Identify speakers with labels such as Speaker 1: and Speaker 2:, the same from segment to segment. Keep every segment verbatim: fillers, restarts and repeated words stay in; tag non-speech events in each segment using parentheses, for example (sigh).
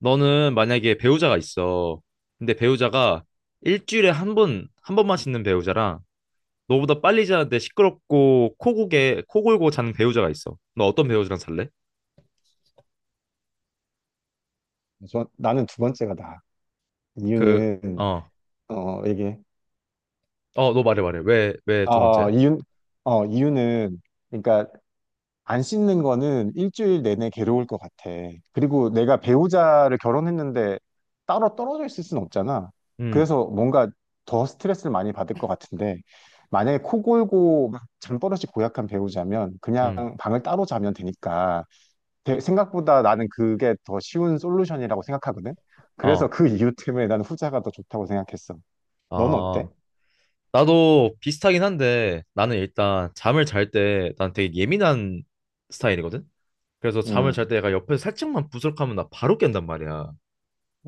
Speaker 1: 너는 만약에 배우자가 있어. 근데 배우자가 일주일에 한 번, 한 번만 씻는 배우자랑 너보다 빨리 자는데 시끄럽고 코고개, 코 골고 자는 배우자가 있어. 너 어떤 배우자랑 살래?
Speaker 2: 저 나는 두 번째가 나.
Speaker 1: 그,
Speaker 2: 이유는
Speaker 1: 어,
Speaker 2: 어 이게
Speaker 1: 어, 너 말해, 말해. 왜, 왜 두 번째야?
Speaker 2: 어 이유 어 이유는 그러니까 안 씻는 거는 일주일 내내 괴로울 것 같아. 그리고 내가 배우자를 결혼했는데 따로 떨어져 있을 순 없잖아.
Speaker 1: 음,
Speaker 2: 그래서 뭔가 더 스트레스를 많이 받을 것 같은데, 만약에 코 골고 막 잠버릇이 고약한 배우자면
Speaker 1: 음,
Speaker 2: 그냥 방을 따로 자면 되니까, 대- 생각보다 나는 그게 더 쉬운 솔루션이라고 생각하거든. 그래서
Speaker 1: 어,
Speaker 2: 그 이유 때문에 나는 후자가 더 좋다고 생각했어. 넌 어때?
Speaker 1: 아. 나도 비슷하긴 한데 나는 일단 잠을 잘 때 난 되게 예민한 스타일이거든? 그래서 잠을 잘
Speaker 2: 음.
Speaker 1: 때 얘가 옆에서 살짝만 부스럭하면 나 바로 깬단 말이야.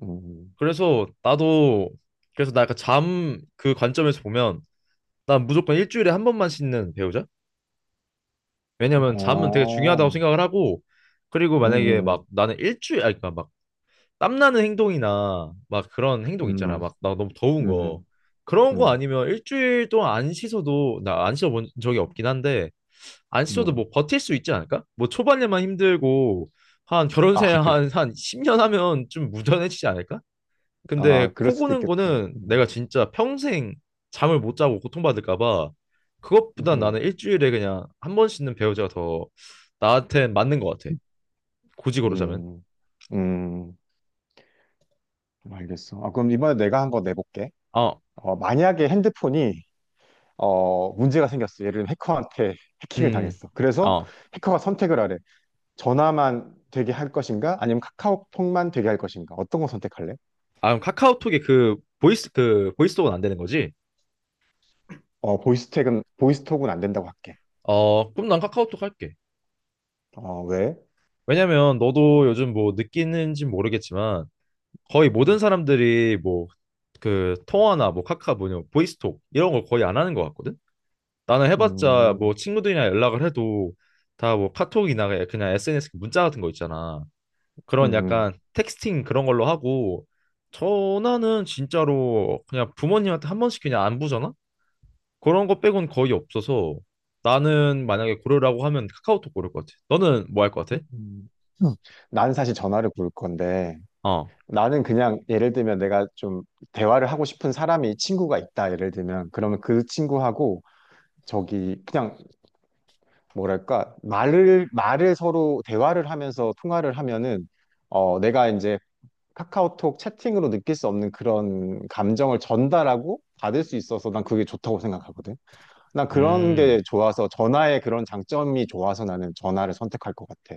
Speaker 2: 음.
Speaker 1: 그래서 나도 그래서 나 약간 잠 그 관점에서 보면 난 무조건 일주일에 한 번만 씻는 배우자.
Speaker 2: 음.
Speaker 1: 왜냐면 잠은 되게 중요하다고
Speaker 2: 어.
Speaker 1: 생각을 하고 그리고 만약에
Speaker 2: 음.
Speaker 1: 막
Speaker 2: 음.
Speaker 1: 나는 일주일 아니 그러니까 막 땀나는 행동이나 막 그런 행동
Speaker 2: 음.
Speaker 1: 있잖아. 막 나 너무 더운 거
Speaker 2: 음. 음.
Speaker 1: 그런 거
Speaker 2: 음.
Speaker 1: 아니면 일주일 동안 안 씻어도 나 안 씻어본 적이 없긴 한데 안 씻어도
Speaker 2: 음.
Speaker 1: 뭐 버틸 수 있지 않을까? 뭐 초반에만 힘들고 한 결혼
Speaker 2: 아,
Speaker 1: 생활
Speaker 2: 그래.
Speaker 1: 한한 십 년 하면 좀 무던해지지 않을까? 근데
Speaker 2: 아, 그럴
Speaker 1: 코
Speaker 2: 수도
Speaker 1: 고는
Speaker 2: 있겠다.
Speaker 1: 거는
Speaker 2: 음.
Speaker 1: 내가 진짜 평생 잠을 못 자고 고통받을까 봐 그것보다 나는
Speaker 2: 음.
Speaker 1: 일주일에 그냥 한 번 씻는 배우자가 더 나한테 맞는 것 같아. 굳이 고르자면.
Speaker 2: 음. 음. 알겠어. 아, 그럼 이번에 내가 한 거 내볼게.
Speaker 1: 어,
Speaker 2: 어, 만약에 핸드폰이, 어, 문제가 생겼어. 예를 들면 해커한테 해킹을
Speaker 1: 음,
Speaker 2: 당했어. 그래서
Speaker 1: 어.
Speaker 2: 해커가 선택을 하래. 전화만 되게 할 것인가? 아니면 카카오톡만 되게 할 것인가? 어떤 거 선택할래?
Speaker 1: 아, 그럼 카카오톡에 그 보이스 그 보이스톡은 안 되는 거지?
Speaker 2: 어, 보이스톡은, 보이스톡은 안 된다고 할게.
Speaker 1: 어, 그럼 난 카카오톡 할게.
Speaker 2: 어, 왜?
Speaker 1: 왜냐면 너도 요즘 뭐 느끼는지 모르겠지만 거의 모든
Speaker 2: 음.
Speaker 1: 사람들이 뭐 그 통화나 뭐 카카 뭐냐 보이스톡 이런 걸 거의 안 하는 것 같거든. 나는 해봤자
Speaker 2: 음.
Speaker 1: 뭐 친구들이랑 연락을 해도 다 뭐 카톡이나 그냥 에스엔에스 문자 같은 거 있잖아.
Speaker 2: 음.
Speaker 1: 그런
Speaker 2: 음.
Speaker 1: 약간 텍스팅 그런 걸로 하고 전화는 진짜로 그냥 부모님한테 한 번씩 그냥 안부 전화? 그런 거 빼곤 거의 없어서 나는 만약에 고르라고 하면 카카오톡 고를 것 같아. 너는 뭐 할 것 같아?
Speaker 2: 음. 음. 나는 사실 전화를 걸 건데,
Speaker 1: 어.
Speaker 2: 나는 그냥 예를 들면 내가 좀 대화를 하고 싶은 사람이 친구가 있다, 예를 들면. 그러면 그 친구하고 저기 그냥 뭐랄까, 말을, 말을 서로 대화를 하면서 통화를 하면은, 어, 내가 이제 카카오톡 채팅으로 느낄 수 없는 그런 감정을 전달하고 받을 수 있어서 난 그게 좋다고 생각하거든. 난 그런 게
Speaker 1: 음.
Speaker 2: 좋아서 전화의 그런 장점이 좋아서 나는 전화를 선택할 것 같아.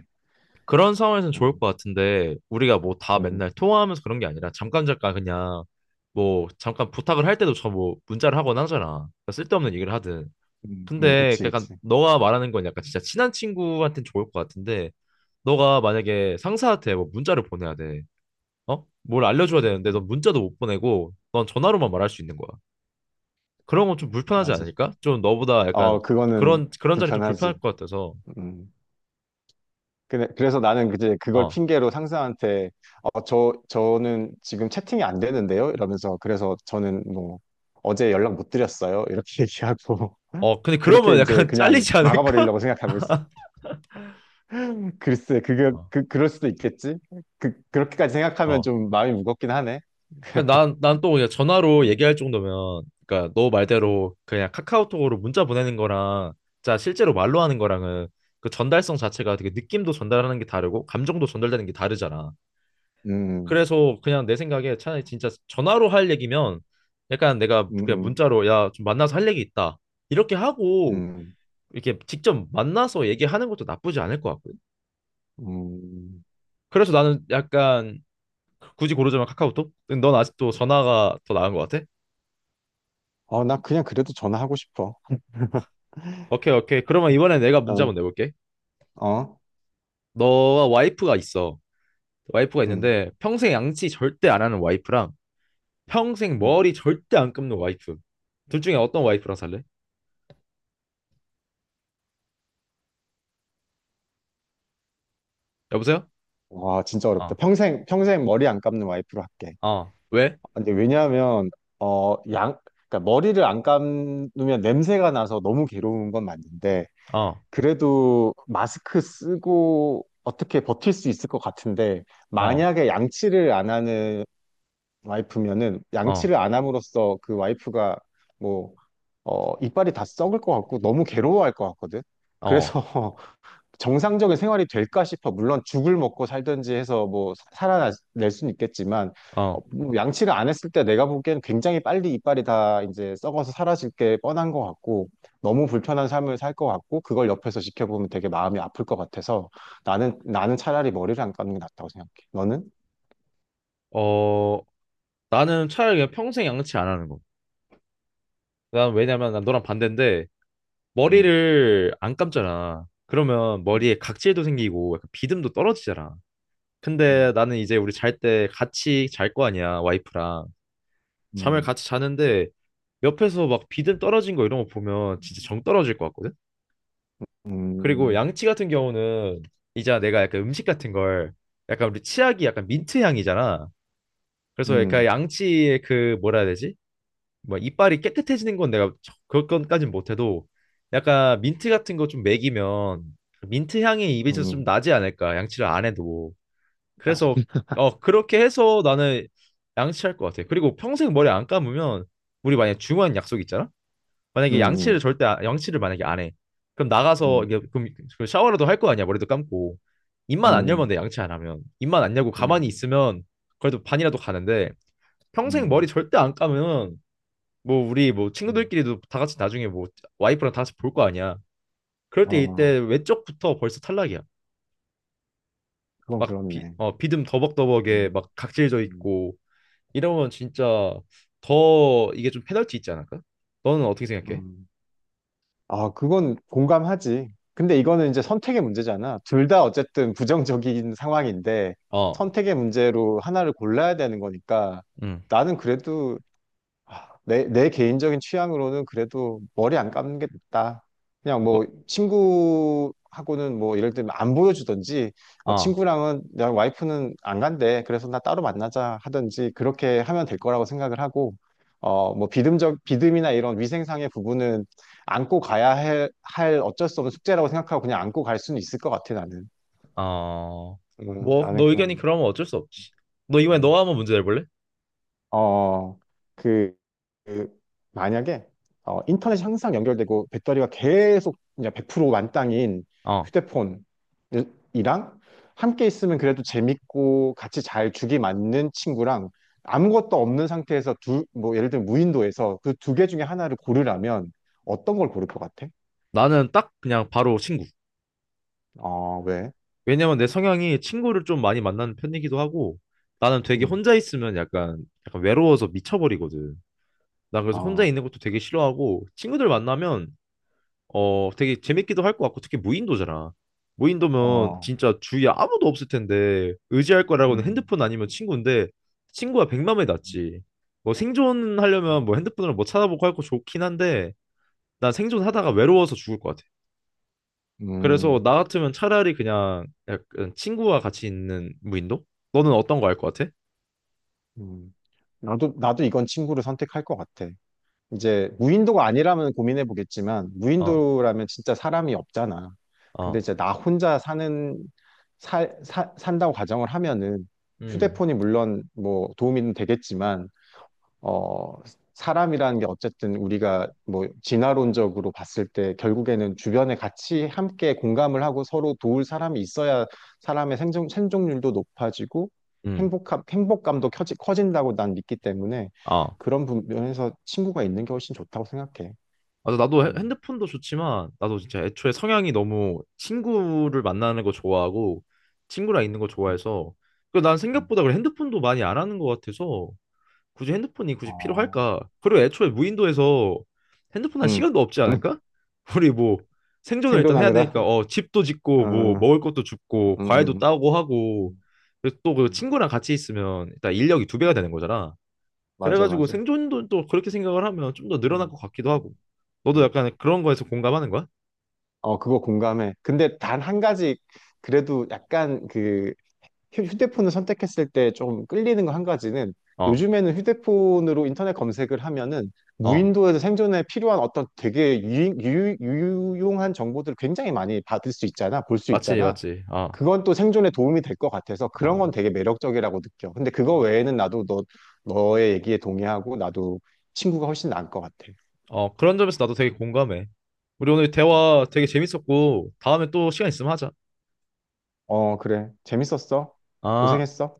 Speaker 1: 그런 상황에서는
Speaker 2: 어.
Speaker 1: 좋을 것 같은데 우리가 뭐 다
Speaker 2: 음.
Speaker 1: 맨날 통화하면서 그런 게 아니라 잠깐 잠깐 그냥 뭐 잠깐 부탁을 할 때도 저 뭐 문자를 하거나 하잖아. 그러니까 쓸데없는 얘기를 하든.
Speaker 2: 음. 음.
Speaker 1: 근데
Speaker 2: 그치,
Speaker 1: 약간
Speaker 2: 그치.
Speaker 1: 너가 말하는 건 약간 진짜 친한 친구한테는 좋을 것 같은데 너가 만약에 상사한테 뭐 문자를 보내야 돼. 어? 뭘 알려줘야 되는데 넌
Speaker 2: 음.
Speaker 1: 문자도 못 보내고 넌 전화로만 말할 수 있는 거야. 그런 건 좀
Speaker 2: 음.
Speaker 1: 불편하지
Speaker 2: 맞아.
Speaker 1: 않을까? 좀 너보다 약간
Speaker 2: 어, 그거는
Speaker 1: 그런 그런 자리 좀
Speaker 2: 불편하지.
Speaker 1: 불편할 것 같아서.
Speaker 2: 음. 근데 그래서 나는 이제 그걸
Speaker 1: 어.
Speaker 2: 핑계로 상사한테 어, 저 저는 지금 채팅이 안 되는데요? 이러면서 그래서 저는 뭐 어제 연락 못 드렸어요. 이렇게 (laughs) 얘기하고
Speaker 1: 어, 근데
Speaker 2: 그렇게
Speaker 1: 그러면
Speaker 2: 이제
Speaker 1: 약간 (laughs)
Speaker 2: 그냥
Speaker 1: 잘리지 않을까?
Speaker 2: 막아버리려고 생각하고 있어. (laughs) 글쎄, 그게
Speaker 1: 어.
Speaker 2: 그 그럴 수도 있겠지. 그 그렇게까지 생각하면
Speaker 1: 어.
Speaker 2: 좀 마음이 무겁긴 하네.
Speaker 1: 그냥 난, 난 또 그냥 전화로
Speaker 2: 음.
Speaker 1: 얘기할 정도면, 그러니까 너 말대로 그냥 카카오톡으로 문자 보내는 거랑, 자, 실제로 말로 하는 거랑은 그 전달성 자체가 되게 느낌도 전달하는 게 다르고, 감정도 전달되는 게 다르잖아.
Speaker 2: 음.
Speaker 1: 그래서 그냥 내 생각에 차라리 진짜 전화로 할 얘기면 약간 내가 그냥
Speaker 2: 음.
Speaker 1: 문자로, 야, 좀 만나서 할 얘기 있다. 이렇게 하고,
Speaker 2: 음.
Speaker 1: 이렇게 직접 만나서 얘기하는 것도 나쁘지 않을 것 같거든.
Speaker 2: 음.
Speaker 1: 그래서 나는 약간 굳이 고르자면 카카오톡? 넌 아직도 전화가 더 나은 것 같아?
Speaker 2: 어, 나 그냥 그래도 전화하고 싶어.
Speaker 1: 오케이, 오케이. 그러면 이번에 내가 문제
Speaker 2: 어.
Speaker 1: 한번 내볼게.
Speaker 2: 어.
Speaker 1: 너와 와이프가 있어. 와이프가
Speaker 2: 음.
Speaker 1: 있는데 평생 양치 절대 안 하는 와이프랑 평생
Speaker 2: 음.
Speaker 1: 머리 절대 안 감는 와이프. 둘 중에 어떤 와이프랑 살래? 여보세요?
Speaker 2: 와, 진짜 어렵다.
Speaker 1: 어,
Speaker 2: 평생, 평생 머리 안 감는 와이프로 할게.
Speaker 1: 어, 왜?
Speaker 2: 근데 왜냐하면, 어, 양, 그러니까 머리를 안 감으면 냄새가 나서 너무 괴로운 건 맞는데,
Speaker 1: 어,
Speaker 2: 그래도 마스크 쓰고 어떻게 버틸 수 있을 것 같은데,
Speaker 1: 어,
Speaker 2: 만약에 양치를 안 하는 와이프면은,
Speaker 1: 어,
Speaker 2: 양치를 안 함으로써 그 와이프가 뭐, 어, 이빨이 다 썩을 것 같고, 너무 괴로워할 것 같거든.
Speaker 1: 어,
Speaker 2: 그래서 정상적인 생활이 될까 싶어. 물론 죽을 먹고 살든지 해서 뭐 사- 살아낼 수는 있겠지만, 어,
Speaker 1: 어.
Speaker 2: 뭐 양치를 안 했을 때 내가 보기엔 굉장히 빨리 이빨이 다 이제 썩어서 사라질 게 뻔한 것 같고, 너무 불편한 삶을 살 것 같고, 그걸 옆에서 지켜보면 되게 마음이 아플 것 같아서, 나는 나는 차라리 머리를 안 감는 게 낫다고 생각해. 너는?
Speaker 1: 어, 나는 차라리 그냥 평생 양치 안 하는 거. 난 왜냐면 난 너랑 반대인데
Speaker 2: 음.
Speaker 1: 머리를 안 감잖아. 그러면
Speaker 2: 음.
Speaker 1: 머리에 각질도 생기고 약간 비듬도 떨어지잖아. 근데
Speaker 2: 음.
Speaker 1: 나는 이제 우리 잘 때 같이 잘 거 아니야, 와이프랑. 잠을
Speaker 2: 음.
Speaker 1: 같이 자는데 옆에서 막 비듬 떨어진 거 이런 거 보면 진짜 정 떨어질 것 같거든? 그리고
Speaker 2: 음.
Speaker 1: 양치 같은 경우는 이제 내가 약간 음식 같은 걸 약간 우리 치약이 약간 민트 향이잖아. 그래서 약간
Speaker 2: 음.
Speaker 1: 양치의 그 뭐라 해야 되지? 뭐 이빨이 깨끗해지는 건 내가 저- 그것까진 못해도 약간 민트 같은 거 좀 먹이면 그 민트 향이 입에서 좀
Speaker 2: 음.
Speaker 1: 나지 않을까? 양치를 안 해도.
Speaker 2: 아.
Speaker 1: 그래서 어 그렇게 해서 나는 양치할 것 같아. 그리고 평생 머리 안 감으면 우리 만약에 중요한 약속 있잖아.
Speaker 2: 음.
Speaker 1: 만약에 양치를
Speaker 2: 음.
Speaker 1: 절대 안- 양치를 만약에 안 해. 그럼 나가서
Speaker 2: 음.
Speaker 1: 이게 그럼 그 샤워라도 할 거 아니야. 머리도 감고. 입만 안 열면 돼. 양치 안 하면. 입만 안 열고 가만히
Speaker 2: 음.
Speaker 1: 있으면 그래도 반이라도 가는데 평생 머리
Speaker 2: 음.
Speaker 1: 절대 안 감으면 뭐 우리 뭐
Speaker 2: 음.
Speaker 1: 친구들끼리도 다 같이 나중에 뭐 와이프랑 다 같이 볼 거 아니야. 그럴 때
Speaker 2: 아,
Speaker 1: 이때 외적부터 벌써 탈락이야.
Speaker 2: 그건
Speaker 1: 막 비,
Speaker 2: 그렇네.
Speaker 1: 어, 비듬 더벅더벅에
Speaker 2: 음.
Speaker 1: 막 각질져
Speaker 2: 음.
Speaker 1: 있고 이러면 진짜 더 이게 좀 페널티 있지 않을까? 너는 어떻게 생각해?
Speaker 2: 음. 아, 그건 공감하지. 근데 이거는 이제 선택의 문제잖아. 둘 다 어쨌든 부정적인 상황인데
Speaker 1: 어,
Speaker 2: 선택의 문제로 하나를 골라야 되는 거니까
Speaker 1: 응.
Speaker 2: 나는 그래도, 아, 내, 내 개인적인 취향으로는 그래도 머리 안 감는 게 낫다. 그냥 뭐
Speaker 1: 뭐,
Speaker 2: 친구하고는 뭐 예를 들면 안 보여주든지, 어,
Speaker 1: 어,
Speaker 2: 친구랑은 내 와이프는 안 간대. 그래서 나 따로 만나자 하든지 그렇게 하면 될 거라고 생각을 하고, 어, 뭐 비듬적 비듬이나 이런 위생상의 부분은 안고 가야 할, 할 어쩔 수 없는 숙제라고 생각하고 그냥 안고 갈 수는 있을 것 같아 나는.
Speaker 1: 어.
Speaker 2: 음,
Speaker 1: 뭐,
Speaker 2: 나는
Speaker 1: 너 의견이
Speaker 2: 그런.
Speaker 1: 그러면 어쩔 수 없지. 너 이번에 너
Speaker 2: 음.
Speaker 1: 한번 문제 내볼래?
Speaker 2: 어, 그, 그 만약에 어, 인터넷이 항상 연결되고 배터리가 계속 이제 백 프로 만땅인
Speaker 1: 어,
Speaker 2: 휴대폰이랑 함께 있으면 그래도 재밌고 같이 잘 죽이 맞는 친구랑 아무것도 없는 상태에서 두, 뭐 예를 들면 무인도에서 그 두 개 중에 하나를 고르라면 어떤 걸 고를 것 같아?
Speaker 1: 나는 딱 그냥 바로 친구.
Speaker 2: 어, 왜?
Speaker 1: 왜냐면 내 성향이 친구를 좀 많이 만나는 편이기도 하고 나는 되게
Speaker 2: 음.
Speaker 1: 혼자 있으면 약간 약간 외로워서 미쳐버리거든. 나 그래서 혼자
Speaker 2: 어.
Speaker 1: 있는 것도 되게 싫어하고 친구들 만나면 어, 되게 재밌기도 할 것 같고, 특히 무인도잖아. 무인도면
Speaker 2: 어.
Speaker 1: 진짜 주위에 아무도 없을 텐데, 의지할 거라고는
Speaker 2: 음.
Speaker 1: 핸드폰 아니면 친구인데, 친구가 백만에 낫지. 뭐 생존하려면
Speaker 2: 음.
Speaker 1: 뭐 핸드폰으로 뭐 찾아보고 할 거 좋긴 한데, 난 생존하다가 외로워서 죽을 것 같아. 그래서 나
Speaker 2: 음.
Speaker 1: 같으면 차라리 그냥 약간 친구와 같이 있는 무인도? 너는 어떤 거 할 것 같아?
Speaker 2: 음. 나도, 나도 이건 친구를 선택할 것 같아. 이제 무인도가 아니라면 고민해 보겠지만
Speaker 1: 어,
Speaker 2: 무인도라면 진짜 사람이 없잖아. 근데
Speaker 1: 어,
Speaker 2: 이제 나 혼자 사는, 살 사- 산다고 가정을 하면은
Speaker 1: 음,
Speaker 2: 휴대폰이 물론 뭐 도움이 되겠지만, 어, 사람이라는 게 어쨌든 우리가 뭐 진화론적으로 봤을 때 결국에는 주변에 같이 함께 공감을 하고 서로 도울 사람이 있어야 사람의 생존, 생존율도 높아지고
Speaker 1: 음,
Speaker 2: 행복함, 행복감도 커지, 커진다고 난 믿기 때문에
Speaker 1: 어.
Speaker 2: 그런 부- 면에서 친구가 있는 게 훨씬 좋다고 생각해.
Speaker 1: 맞아, 나도 핸-
Speaker 2: 음.
Speaker 1: 핸드폰도 좋지만, 나도 진짜 애초에 성향이 너무 친구를 만나는 거 좋아하고, 친구랑 있는 거
Speaker 2: 음.
Speaker 1: 좋아해서, 그난
Speaker 2: 음.
Speaker 1: 생각보다 그래 핸드폰도 많이 안 하는 것 같아서, 굳이 핸드폰이 굳이
Speaker 2: 아.
Speaker 1: 필요할까? 그리고 애초에 무인도에서 핸드폰 할
Speaker 2: 음.
Speaker 1: 시간도 없지
Speaker 2: 음.
Speaker 1: 않을까? (laughs) 우리 뭐, 생존을 일단 해야
Speaker 2: 생존하느라.
Speaker 1: 되니까,
Speaker 2: (laughs)
Speaker 1: 어, 집도
Speaker 2: 어.
Speaker 1: 짓고, 뭐,
Speaker 2: 음.
Speaker 1: 먹을 것도 줍고, 과일도
Speaker 2: 음.
Speaker 1: 따고 하고,
Speaker 2: 음.
Speaker 1: 또 그
Speaker 2: 음.
Speaker 1: 친구랑 같이 있으면 일단 인력이 두 배가
Speaker 2: 음.
Speaker 1: 되는 거잖아.
Speaker 2: 맞아,
Speaker 1: 그래가지고
Speaker 2: 맞아.
Speaker 1: 생존도 또 그렇게 생각을 하면 좀 더 늘어날 것
Speaker 2: 음.
Speaker 1: 같기도 하고.
Speaker 2: 음.
Speaker 1: 너도
Speaker 2: 음.
Speaker 1: 약간 그런 거에서 공감하는 거야?
Speaker 2: 어, 그거 공감해. 근데 단 한 가지, 그래도 약간 그 휴- 휴대폰을 선택했을 때 좀 끌리는 거 한 가지는
Speaker 1: 어,
Speaker 2: 요즘에는 휴대폰으로 인터넷 검색을 하면은
Speaker 1: 어,
Speaker 2: 무인도에서 생존에 필요한 어떤 되게 유, 유, 유용한 정보들을 굉장히 많이 받을 수 있잖아, 볼 수
Speaker 1: 맞지,
Speaker 2: 있잖아.
Speaker 1: 맞지. 어,
Speaker 2: 그건 또 생존에 도움이 될 것 같아서 그런 건
Speaker 1: 어,
Speaker 2: 되게 매력적이라고 느껴. 근데
Speaker 1: 어,
Speaker 2: 그거 외에는 나도 너, 너의 얘기에 동의하고 나도 친구가 훨씬 나을 것 같아.
Speaker 1: 어, 그런 점에서 나도 되게 공감해. 우리 오늘
Speaker 2: 음.
Speaker 1: 대화 되게 재밌었고, 다음에 또 시간 있으면 하자.
Speaker 2: 어, 그래. 재밌었어.
Speaker 1: 아,
Speaker 2: 고생했어.